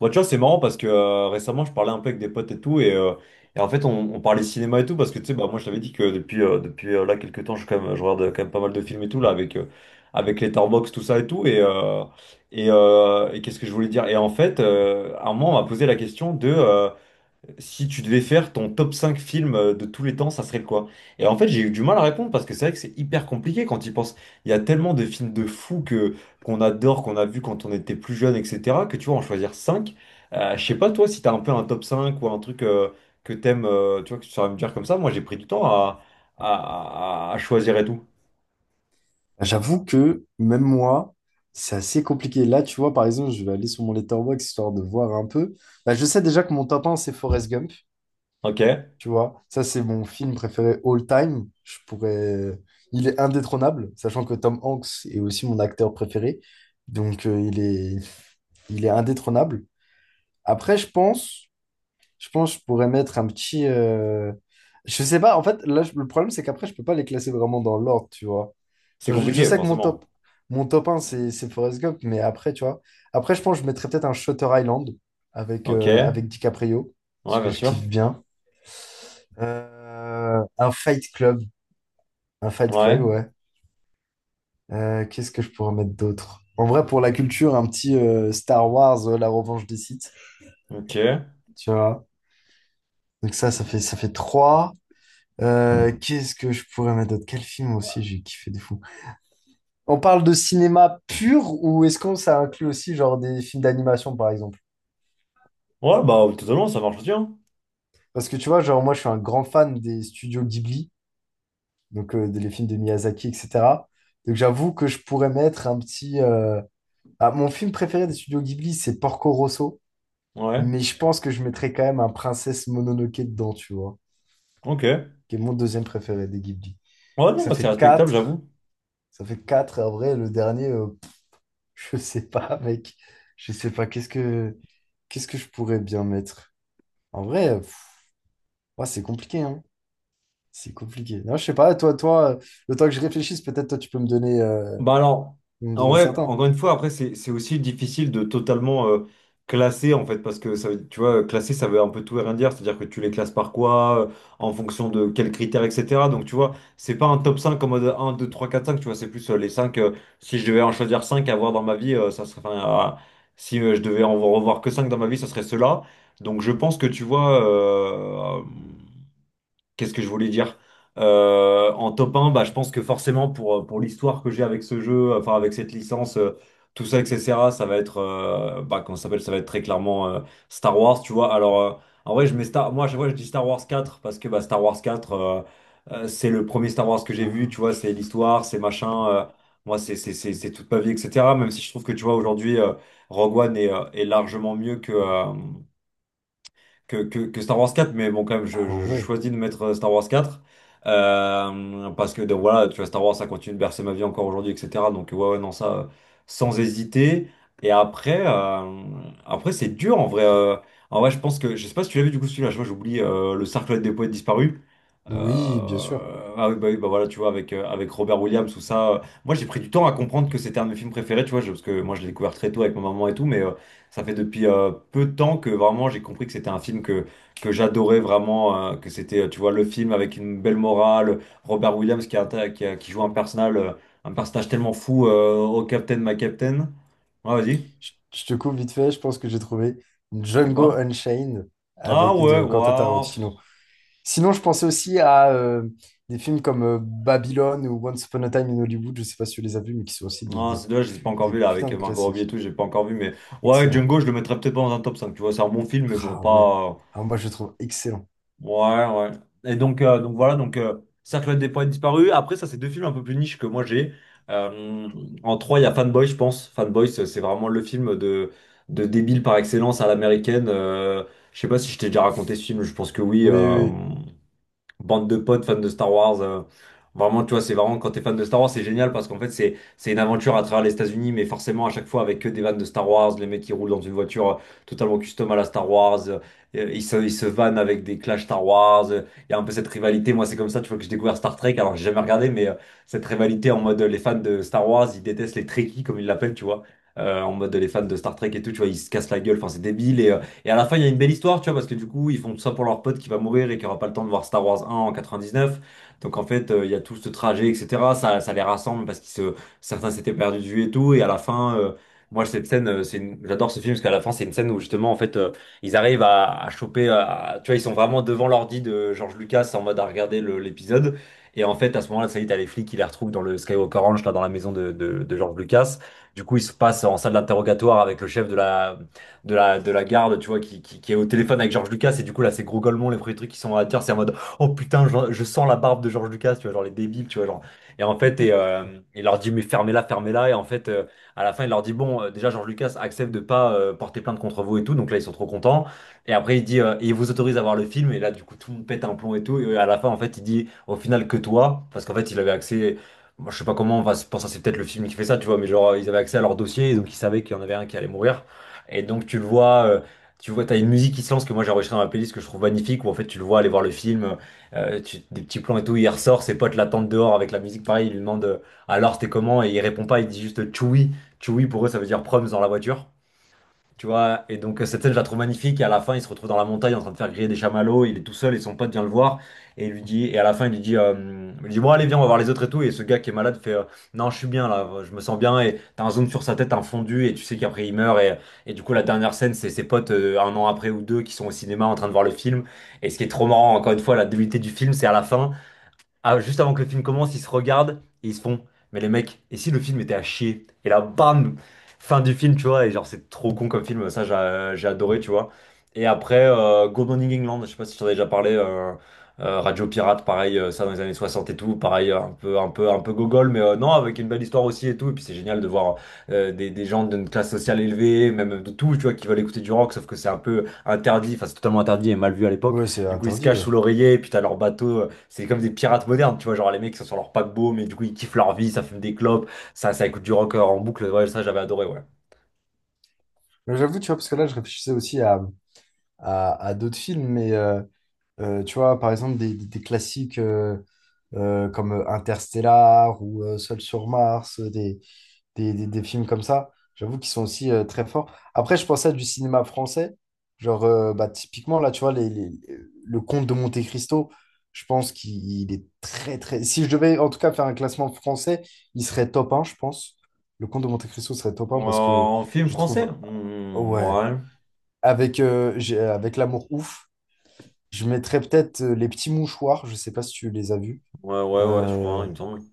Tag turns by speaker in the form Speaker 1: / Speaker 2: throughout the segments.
Speaker 1: Bah, tu vois, c'est marrant parce que récemment, je parlais un peu avec des potes et tout, et en fait, on parlait cinéma et tout, parce que tu sais, bah, moi, je t'avais dit que depuis là, quelques temps, je regarde quand même pas mal de films et tout, là, avec Letterboxd, tout ça et tout, et qu'est-ce que je voulais dire? Et en fait, à un moment, on m'a posé la question de. Si tu devais faire ton top 5 films de tous les temps, ça serait le quoi? Et en fait, j'ai eu du mal à répondre parce que c'est vrai que c'est hyper compliqué quand il pense. Il y a tellement de films de fous que qu'on adore, qu'on a vu quand on était plus jeune, etc., que tu vois, en choisir cinq. Je sais pas, toi, si t'as un peu un top 5 ou un truc que t'aimes, tu vois, que tu saurais me dire comme ça. Moi, j'ai pris du temps à choisir et tout.
Speaker 2: J'avoue que même moi, c'est assez compliqué. Là, tu vois, par exemple, je vais aller sur mon Letterboxd histoire de voir un peu. Bah, je sais déjà que mon top 1, c'est Forrest Gump.
Speaker 1: Ok?
Speaker 2: Tu vois, ça, c'est mon film préféré all time. Je pourrais... Il est indétrônable, sachant que Tom Hanks est aussi mon acteur préféré. Donc, il est indétrônable. Après, je pense que je pourrais mettre un petit. Je sais pas, en fait, là, le problème, c'est qu'après, je peux pas les classer vraiment dans l'ordre, tu vois.
Speaker 1: C'est
Speaker 2: Genre, je
Speaker 1: compliqué,
Speaker 2: sais que mon top,
Speaker 1: forcément.
Speaker 2: mon top un c'est Forrest Gump, mais après, tu vois. Après, je pense que je mettrais peut-être un Shutter Island avec,
Speaker 1: Ok?
Speaker 2: euh,
Speaker 1: Ouais,
Speaker 2: avec DiCaprio, parce que
Speaker 1: bien
Speaker 2: je
Speaker 1: sûr.
Speaker 2: kiffe bien. Un Fight Club. Un Fight Club,
Speaker 1: Ouais.
Speaker 2: ouais. Qu'est-ce que je pourrais mettre d'autre? En vrai, pour la culture, un petit Star Wars, La Revanche des Sith,
Speaker 1: Ok. Ouais,
Speaker 2: tu vois. Donc ça, ça fait 3. Qu'est-ce que je pourrais mettre d'autre? Quel film aussi j'ai kiffé de fou? On parle de cinéma pur ou est-ce qu'on ça inclut aussi genre des films d'animation par exemple?
Speaker 1: bah, totalement, ça marche aussi, hein.
Speaker 2: Parce que tu vois, genre moi je suis un grand fan des studios Ghibli, donc des les films de Miyazaki, etc. Donc j'avoue que je pourrais mettre un petit. Ah, mon film préféré des studios Ghibli, c'est Porco Rosso,
Speaker 1: Ouais.
Speaker 2: mais je pense que je mettrais quand même un Princesse Mononoke dedans, tu vois,
Speaker 1: Ok.
Speaker 2: qui est mon deuxième préféré des Ghibli.
Speaker 1: Ouais,
Speaker 2: Ça
Speaker 1: non, c'est
Speaker 2: fait
Speaker 1: respectable,
Speaker 2: 4
Speaker 1: j'avoue.
Speaker 2: Ça fait quatre. En vrai, le dernier, je sais pas, mec. Je sais pas. Qu'est-ce que je pourrais bien mettre? En vrai, pff, ouais, c'est compliqué, hein. C'est compliqué. Non, je sais pas, toi, le temps que je réfléchisse, peut-être toi tu peux me donner, euh,
Speaker 1: Bah alors,
Speaker 2: me
Speaker 1: en
Speaker 2: donner
Speaker 1: vrai,
Speaker 2: certains.
Speaker 1: encore une fois, après, c'est aussi difficile de totalement classer, en fait, parce que, tu vois, classer, ça veut un peu tout et rien dire, c'est-à-dire que tu les classes par quoi, en fonction de quels critères, etc. Donc, tu vois, c'est pas un top 5 en mode 1, 2, 3, 4, 5, tu vois, c'est plus les 5 si je devais en choisir 5 à avoir dans ma vie, ça serait, enfin, si je devais en revoir que 5 dans ma vie, ça serait ceux-là. Donc, je pense que, tu vois, qu'est-ce que je voulais dire? En top 1, bah, je pense que forcément pour l'histoire que j'ai avec ce jeu, enfin avec cette licence, tout ça, etc., ça va être, bah, comment ça s'appelle? Ça va être très clairement Star Wars, tu vois. Alors, en vrai, je mets Star... Moi, à chaque fois je dis Star Wars 4, parce que bah, Star Wars 4, c'est le premier Star Wars que j'ai vu,
Speaker 2: Ah,
Speaker 1: tu vois, c'est l'histoire, c'est machin, moi c'est toute ma vie, etc. Même si je trouve que, tu vois, aujourd'hui, Rogue One est largement mieux que, que Star Wars 4, mais bon, quand même, je,
Speaker 2: ah
Speaker 1: je- je
Speaker 2: ouais.
Speaker 1: choisis de mettre Star Wars 4. Parce que donc, voilà, tu vois, Star Wars, ça continue de bercer ma vie encore aujourd'hui, etc. Donc, ouais, ouais, non, ça, sans hésiter. Et après, après c'est dur en vrai. Je pense que, je sais pas si tu l'as vu du coup celui-là, je vois, j'oublie le Cercle des poètes disparus.
Speaker 2: Oui,
Speaker 1: Euh,
Speaker 2: bien sûr.
Speaker 1: ah oui, bah voilà, tu vois, avec Robert Williams, tout ça. Moi, j'ai pris du temps à comprendre que c'était un de mes films préférés, tu vois, parce que moi, je l'ai découvert très tôt avec ma maman et tout, mais, ça fait depuis peu de temps que vraiment j'ai compris que c'était un film que j'adorais vraiment, que c'était, tu vois, le film avec une belle morale, Robert Williams qui, atta- qui, a- qui joue un personnage, un personnage tellement fou au Captain, ma Captain. Ah, vas-y,
Speaker 2: Je te coupe vite fait, je pense que j'ai trouvé
Speaker 1: c'est
Speaker 2: Django
Speaker 1: quoi?
Speaker 2: Unchained
Speaker 1: Ah
Speaker 2: avec
Speaker 1: ouais,
Speaker 2: de Quentin
Speaker 1: waouh.
Speaker 2: Tarantino. Sinon, je pensais aussi à des films comme Babylone ou Once Upon a Time in Hollywood, je sais pas si tu les as vus, mais qui sont aussi des,
Speaker 1: Ah,
Speaker 2: des,
Speaker 1: c'est dommage, je ne l'ai pas
Speaker 2: pu-
Speaker 1: encore
Speaker 2: des
Speaker 1: vu là
Speaker 2: putains
Speaker 1: avec
Speaker 2: de
Speaker 1: Margot Robbie et
Speaker 2: classiques.
Speaker 1: tout, j'ai pas encore vu, mais ouais,
Speaker 2: Excellent.
Speaker 1: Django, je le mettrais peut-être pas dans un top cinq, tu vois, c'est un bon film, mais bon,
Speaker 2: Ah ouais.
Speaker 1: pas.
Speaker 2: Ah, moi, je le trouve excellent.
Speaker 1: Ouais, ouais. Et donc voilà, donc Cercle des poètes disparus. Après, ça, c'est deux films un peu plus niche que moi j'ai. Euh, en trois, il y a Fanboy, je pense. Fanboy, c'est vraiment le film de débile par excellence à l'américaine. Je sais pas si je t'ai déjà raconté ce film, je pense que oui.
Speaker 2: Oui, oui,
Speaker 1: Bande de potes fans de Star Wars. Vraiment, tu vois, c'est vraiment quand t'es fan de Star Wars, c'est génial parce qu'en fait, c'est une aventure à travers les États-Unis, mais forcément à chaque fois avec que des vannes de Star Wars, les mecs qui roulent dans une voiture totalement custom à la Star Wars, ils se vannent avec des clashs Star Wars. Il y a un peu cette rivalité. Moi, c'est comme ça, tu vois, que j'ai découvert Star Trek. Alors, j'ai jamais regardé, mais cette rivalité en mode les fans de Star Wars, ils détestent les Trekkies comme ils l'appellent, tu vois. En mode les fans de Star Trek et tout, tu vois, ils se cassent la gueule, enfin c'est débile et à la fin, il y a une belle histoire, tu vois, parce que du coup, ils font tout ça pour leur pote qui va mourir et qui aura pas le temps de voir Star Wars 1 en 99. Donc en fait, il y a tout ce trajet, etc. Ça les rassemble parce qu'ils se... Certains s'étaient perdus de vue et tout. Et à la fin, moi, cette scène, j'adore ce film parce qu'à la fin, c'est une scène où justement, en fait, ils arrivent à, choper. Tu vois, ils sont vraiment devant l'ordi de George Lucas en mode à regarder l'épisode. Et en fait, à ce moment-là, ça y est, t'as les flics qui les retrouvent dans le Skywalker Ranch, là, dans la maison de George Lucas. Du coup, ils se passent en salle d'interrogatoire avec le chef de la, garde, tu vois, qui est au téléphone avec George Lucas. Et du coup, là, c'est gros golemons, les premiers trucs qui sont dans la tire, c'est en mode, oh putain, je sens la barbe de George Lucas, tu vois, genre les débiles, tu vois, genre. Et en
Speaker 2: oui.
Speaker 1: fait, il leur dit, mais fermez-la, fermez-la. Et en fait, à la fin, il leur dit, bon, déjà, George Lucas accepte de pas porter plainte contre vous et tout. Donc là, ils sont trop contents. Et après, il dit, et il vous autorise à voir le film. Et là, du coup, tout le monde pète un plomb et tout. Et à la fin, en fait, il dit, au final, que toi, parce qu'en fait, il avait accès. Moi, je sais pas comment, enfin, pour ça c'est peut-être le film qui fait ça, tu vois, mais genre ils avaient accès à leur dossier, et donc ils savaient qu'il y en avait un qui allait mourir. Et donc tu le vois, tu vois, t'as une musique qui se lance que moi j'ai enregistrée dans ma playlist que je trouve magnifique, où en fait tu le vois aller voir le film, des petits plans et tout, il ressort, ses potes l'attendent dehors avec la musique, pareil, il lui demande alors c'était comment, et il répond pas, il dit juste Chewie, Chewie pour eux ça veut dire proms dans la voiture. Tu vois, et donc cette scène, je la trouve magnifique. Et à la fin, il se retrouve dans la montagne en train de faire griller des chamallows. Il est tout seul et son pote vient le voir. Et, il lui dit, et à la fin, il lui dit bon, allez, viens, on va voir les autres et tout. Et ce gars qui est malade fait non, je suis bien là, je me sens bien. Et t'as un zoom sur sa tête, un fondu. Et tu sais qu'après, il meurt. Et du coup, la dernière scène, c'est ses potes un an après ou deux qui sont au cinéma en train de voir le film. Et ce qui est trop marrant, encore une fois, la débilité du film, c'est à la fin. Ah, juste avant que le film commence, ils se regardent et ils se font. Mais les mecs, et si le film était à chier? Et là, bam! Fin du film, tu vois. Et genre, c'est trop con comme film. Ça, j'ai adoré, tu vois. Et après, Good Morning England, je sais pas si tu en as déjà parlé. Radio Pirate, pareil, ça dans les années 60 et tout. Pareil, un peu gogol, mais non, avec une belle histoire aussi et tout. Et puis, c'est génial de voir des gens d'une classe sociale élevée, même de tout, tu vois, qui veulent écouter du rock, sauf que c'est un peu interdit. Enfin, c'est totalement interdit et mal vu à l'époque.
Speaker 2: Ouais, c'est
Speaker 1: Du coup, ils se
Speaker 2: interdit,
Speaker 1: cachent
Speaker 2: ouais.
Speaker 1: sous l'oreiller, et puis t'as leur bateau. C'est comme des pirates modernes, tu vois, genre les mecs qui sont sur leur paquebot, mais du coup ils kiffent leur vie, ça fume des clopes, ça écoute du rock en boucle, ouais, ça j'avais adoré, ouais.
Speaker 2: Mais j'avoue, tu vois, parce que là, je réfléchissais aussi à d'autres films, mais tu vois, par exemple, des classiques comme Interstellar ou Seul sur Mars, des films comme ça. J'avoue qu'ils sont aussi très forts. Après, je pensais à du cinéma français. Genre, bah, typiquement, là, tu vois, le Comte de Monte-Cristo, je pense qu'il est très, très. Si je devais en tout cas faire un classement français, il serait top un je pense. Le Comte de Monte-Cristo serait top un parce que
Speaker 1: En film
Speaker 2: je
Speaker 1: français?
Speaker 2: trouve.
Speaker 1: Hmm,
Speaker 2: Ouais.
Speaker 1: ouais,
Speaker 2: Avec L'amour ouf, je mettrais peut-être Les Petits Mouchoirs. Je sais pas si tu les as vus.
Speaker 1: ouais, ouais, ouais, je crois, hein,
Speaker 2: Euh,
Speaker 1: il me semble.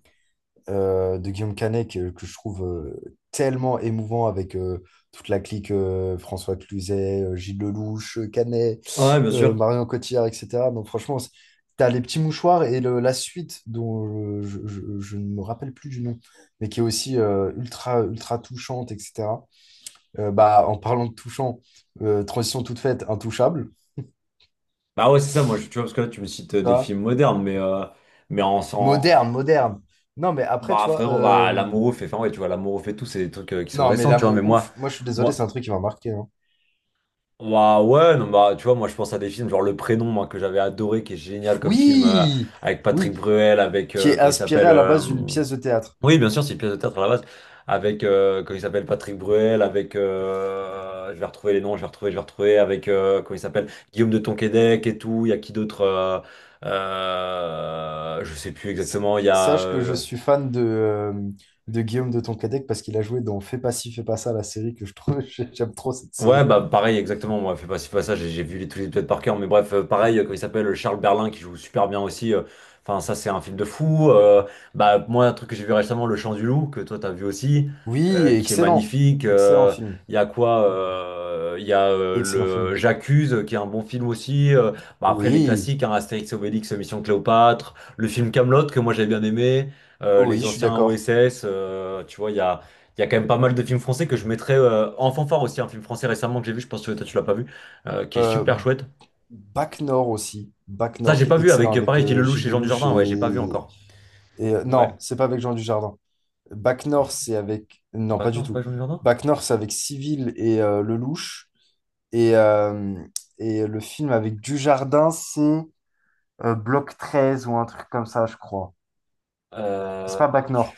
Speaker 2: de Guillaume Canet que je trouve tellement émouvant avec toute la clique François Cluzet, Gilles Lelouch, Canet,
Speaker 1: Ouais, bien sûr.
Speaker 2: Marion Cotillard, etc. Donc franchement, t'as les petits mouchoirs et la suite dont je ne me rappelle plus du nom, mais qui est aussi ultra, ultra touchante, etc. Bah, en parlant de touchant, transition toute faite, intouchable,
Speaker 1: Bah ouais, c'est ça, moi, tu vois, parce que là, tu me cites
Speaker 2: tu
Speaker 1: des
Speaker 2: vois,
Speaker 1: films modernes, mais, mais en, en-
Speaker 2: moderne,
Speaker 1: en-
Speaker 2: moderne. Non, mais après, tu
Speaker 1: bah,
Speaker 2: vois,
Speaker 1: frérot, bah, l'amoureux fait... Enfin, ouais, tu vois, l'amour fait tout, c'est des trucs qui sont
Speaker 2: non, mais
Speaker 1: récents, tu vois, mais
Speaker 2: l'amour ouf, moi je suis désolé, c'est
Speaker 1: moi,
Speaker 2: un truc qui m'a marqué, hein.
Speaker 1: bah ouais, non, bah tu vois, moi je pense à des films genre Le Prénom, moi, que j'avais adoré, qui est génial comme film
Speaker 2: Oui,
Speaker 1: avec Patrick
Speaker 2: oui,
Speaker 1: Bruel, avec
Speaker 2: qui est
Speaker 1: comment il
Speaker 2: inspiré
Speaker 1: s'appelle
Speaker 2: à la base d'une pièce de théâtre.
Speaker 1: oui, bien sûr, c'est une pièce de théâtre à la base, avec comment il s'appelle Patrick Bruel, avec je vais retrouver les noms, je vais retrouver, avec comment il s'appelle Guillaume de Tonquédec et tout. Il y a qui d'autre je sais plus
Speaker 2: S-
Speaker 1: exactement. Il y a
Speaker 2: Sache que je suis fan de Guillaume de Tonquédec parce qu'il a joué dans Fais pas ci, fais pas ça, la série que je trouve, j'aime trop cette série.
Speaker 1: ouais, bah pareil, exactement. Moi, fais pas si pas ça, j'ai vu les, tous les épisodes par cœur. Mais bref, pareil, comme il s'appelle, Charles Berlin, qui joue super bien aussi. Enfin, ça, c'est un film de fou. Bah, moi, un truc que j'ai vu récemment, Le Chant du Loup, que toi, t'as vu aussi,
Speaker 2: Oui,
Speaker 1: qui est
Speaker 2: excellent,
Speaker 1: magnifique.
Speaker 2: excellent film,
Speaker 1: Il y a quoi? Il y a
Speaker 2: excellent film.
Speaker 1: le J'accuse, qui est un bon film aussi. Bah, après, les
Speaker 2: Oui,
Speaker 1: classiques, hein, Astérix et Obélix, Mission Cléopâtre, le film Camelot que moi, j'ai bien aimé,
Speaker 2: oui,
Speaker 1: les
Speaker 2: je suis
Speaker 1: anciens
Speaker 2: d'accord.
Speaker 1: OSS, tu vois, il y a. Il y a quand même pas mal de films français que je mettrais en fanfare aussi. Un film français récemment que j'ai vu, je pense que toi tu l'as pas vu, qui est
Speaker 2: Euh,
Speaker 1: super chouette.
Speaker 2: Bac Nord aussi, Bac
Speaker 1: Ça,
Speaker 2: Nord
Speaker 1: j'ai
Speaker 2: qui
Speaker 1: pas
Speaker 2: est
Speaker 1: vu
Speaker 2: excellent
Speaker 1: avec,
Speaker 2: avec
Speaker 1: pareil, Gilles Lelouch
Speaker 2: Gilles
Speaker 1: et Jean
Speaker 2: Lelouch
Speaker 1: Dujardin. Ouais, j'ai pas vu
Speaker 2: et,
Speaker 1: encore. Ouais.
Speaker 2: non, c'est pas avec Jean Dujardin. Bac Nord,
Speaker 1: Je-
Speaker 2: c'est avec non,
Speaker 1: Bah
Speaker 2: pas du
Speaker 1: non, c'est
Speaker 2: tout.
Speaker 1: pas Jean Dujardin.
Speaker 2: Bac Nord, c'est avec Civil et Lelouch. Et, le film avec Dujardin, c'est Bloc treize ou un truc comme ça, je crois. C'est
Speaker 1: Euh...
Speaker 2: pas Bac
Speaker 1: tu-
Speaker 2: Nord.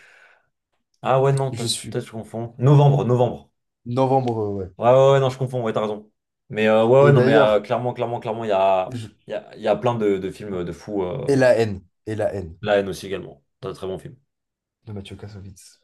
Speaker 1: Ah ouais, non,
Speaker 2: Je suis
Speaker 1: peut-être je confonds. Novembre, novembre.
Speaker 2: novembre, ouais.
Speaker 1: Ouais, ouais, ouais, non, je confonds, ouais, t'as raison. Mais ouais, ouais,
Speaker 2: Et
Speaker 1: non, mais
Speaker 2: d'ailleurs,
Speaker 1: clairement, clairement, clairement, il y a,
Speaker 2: je-
Speaker 1: il y a, il y a plein de films de fous.
Speaker 2: et la haine, et la haine
Speaker 1: La haine aussi également. C'est un très bon film.
Speaker 2: de Mathieu Kassovitz.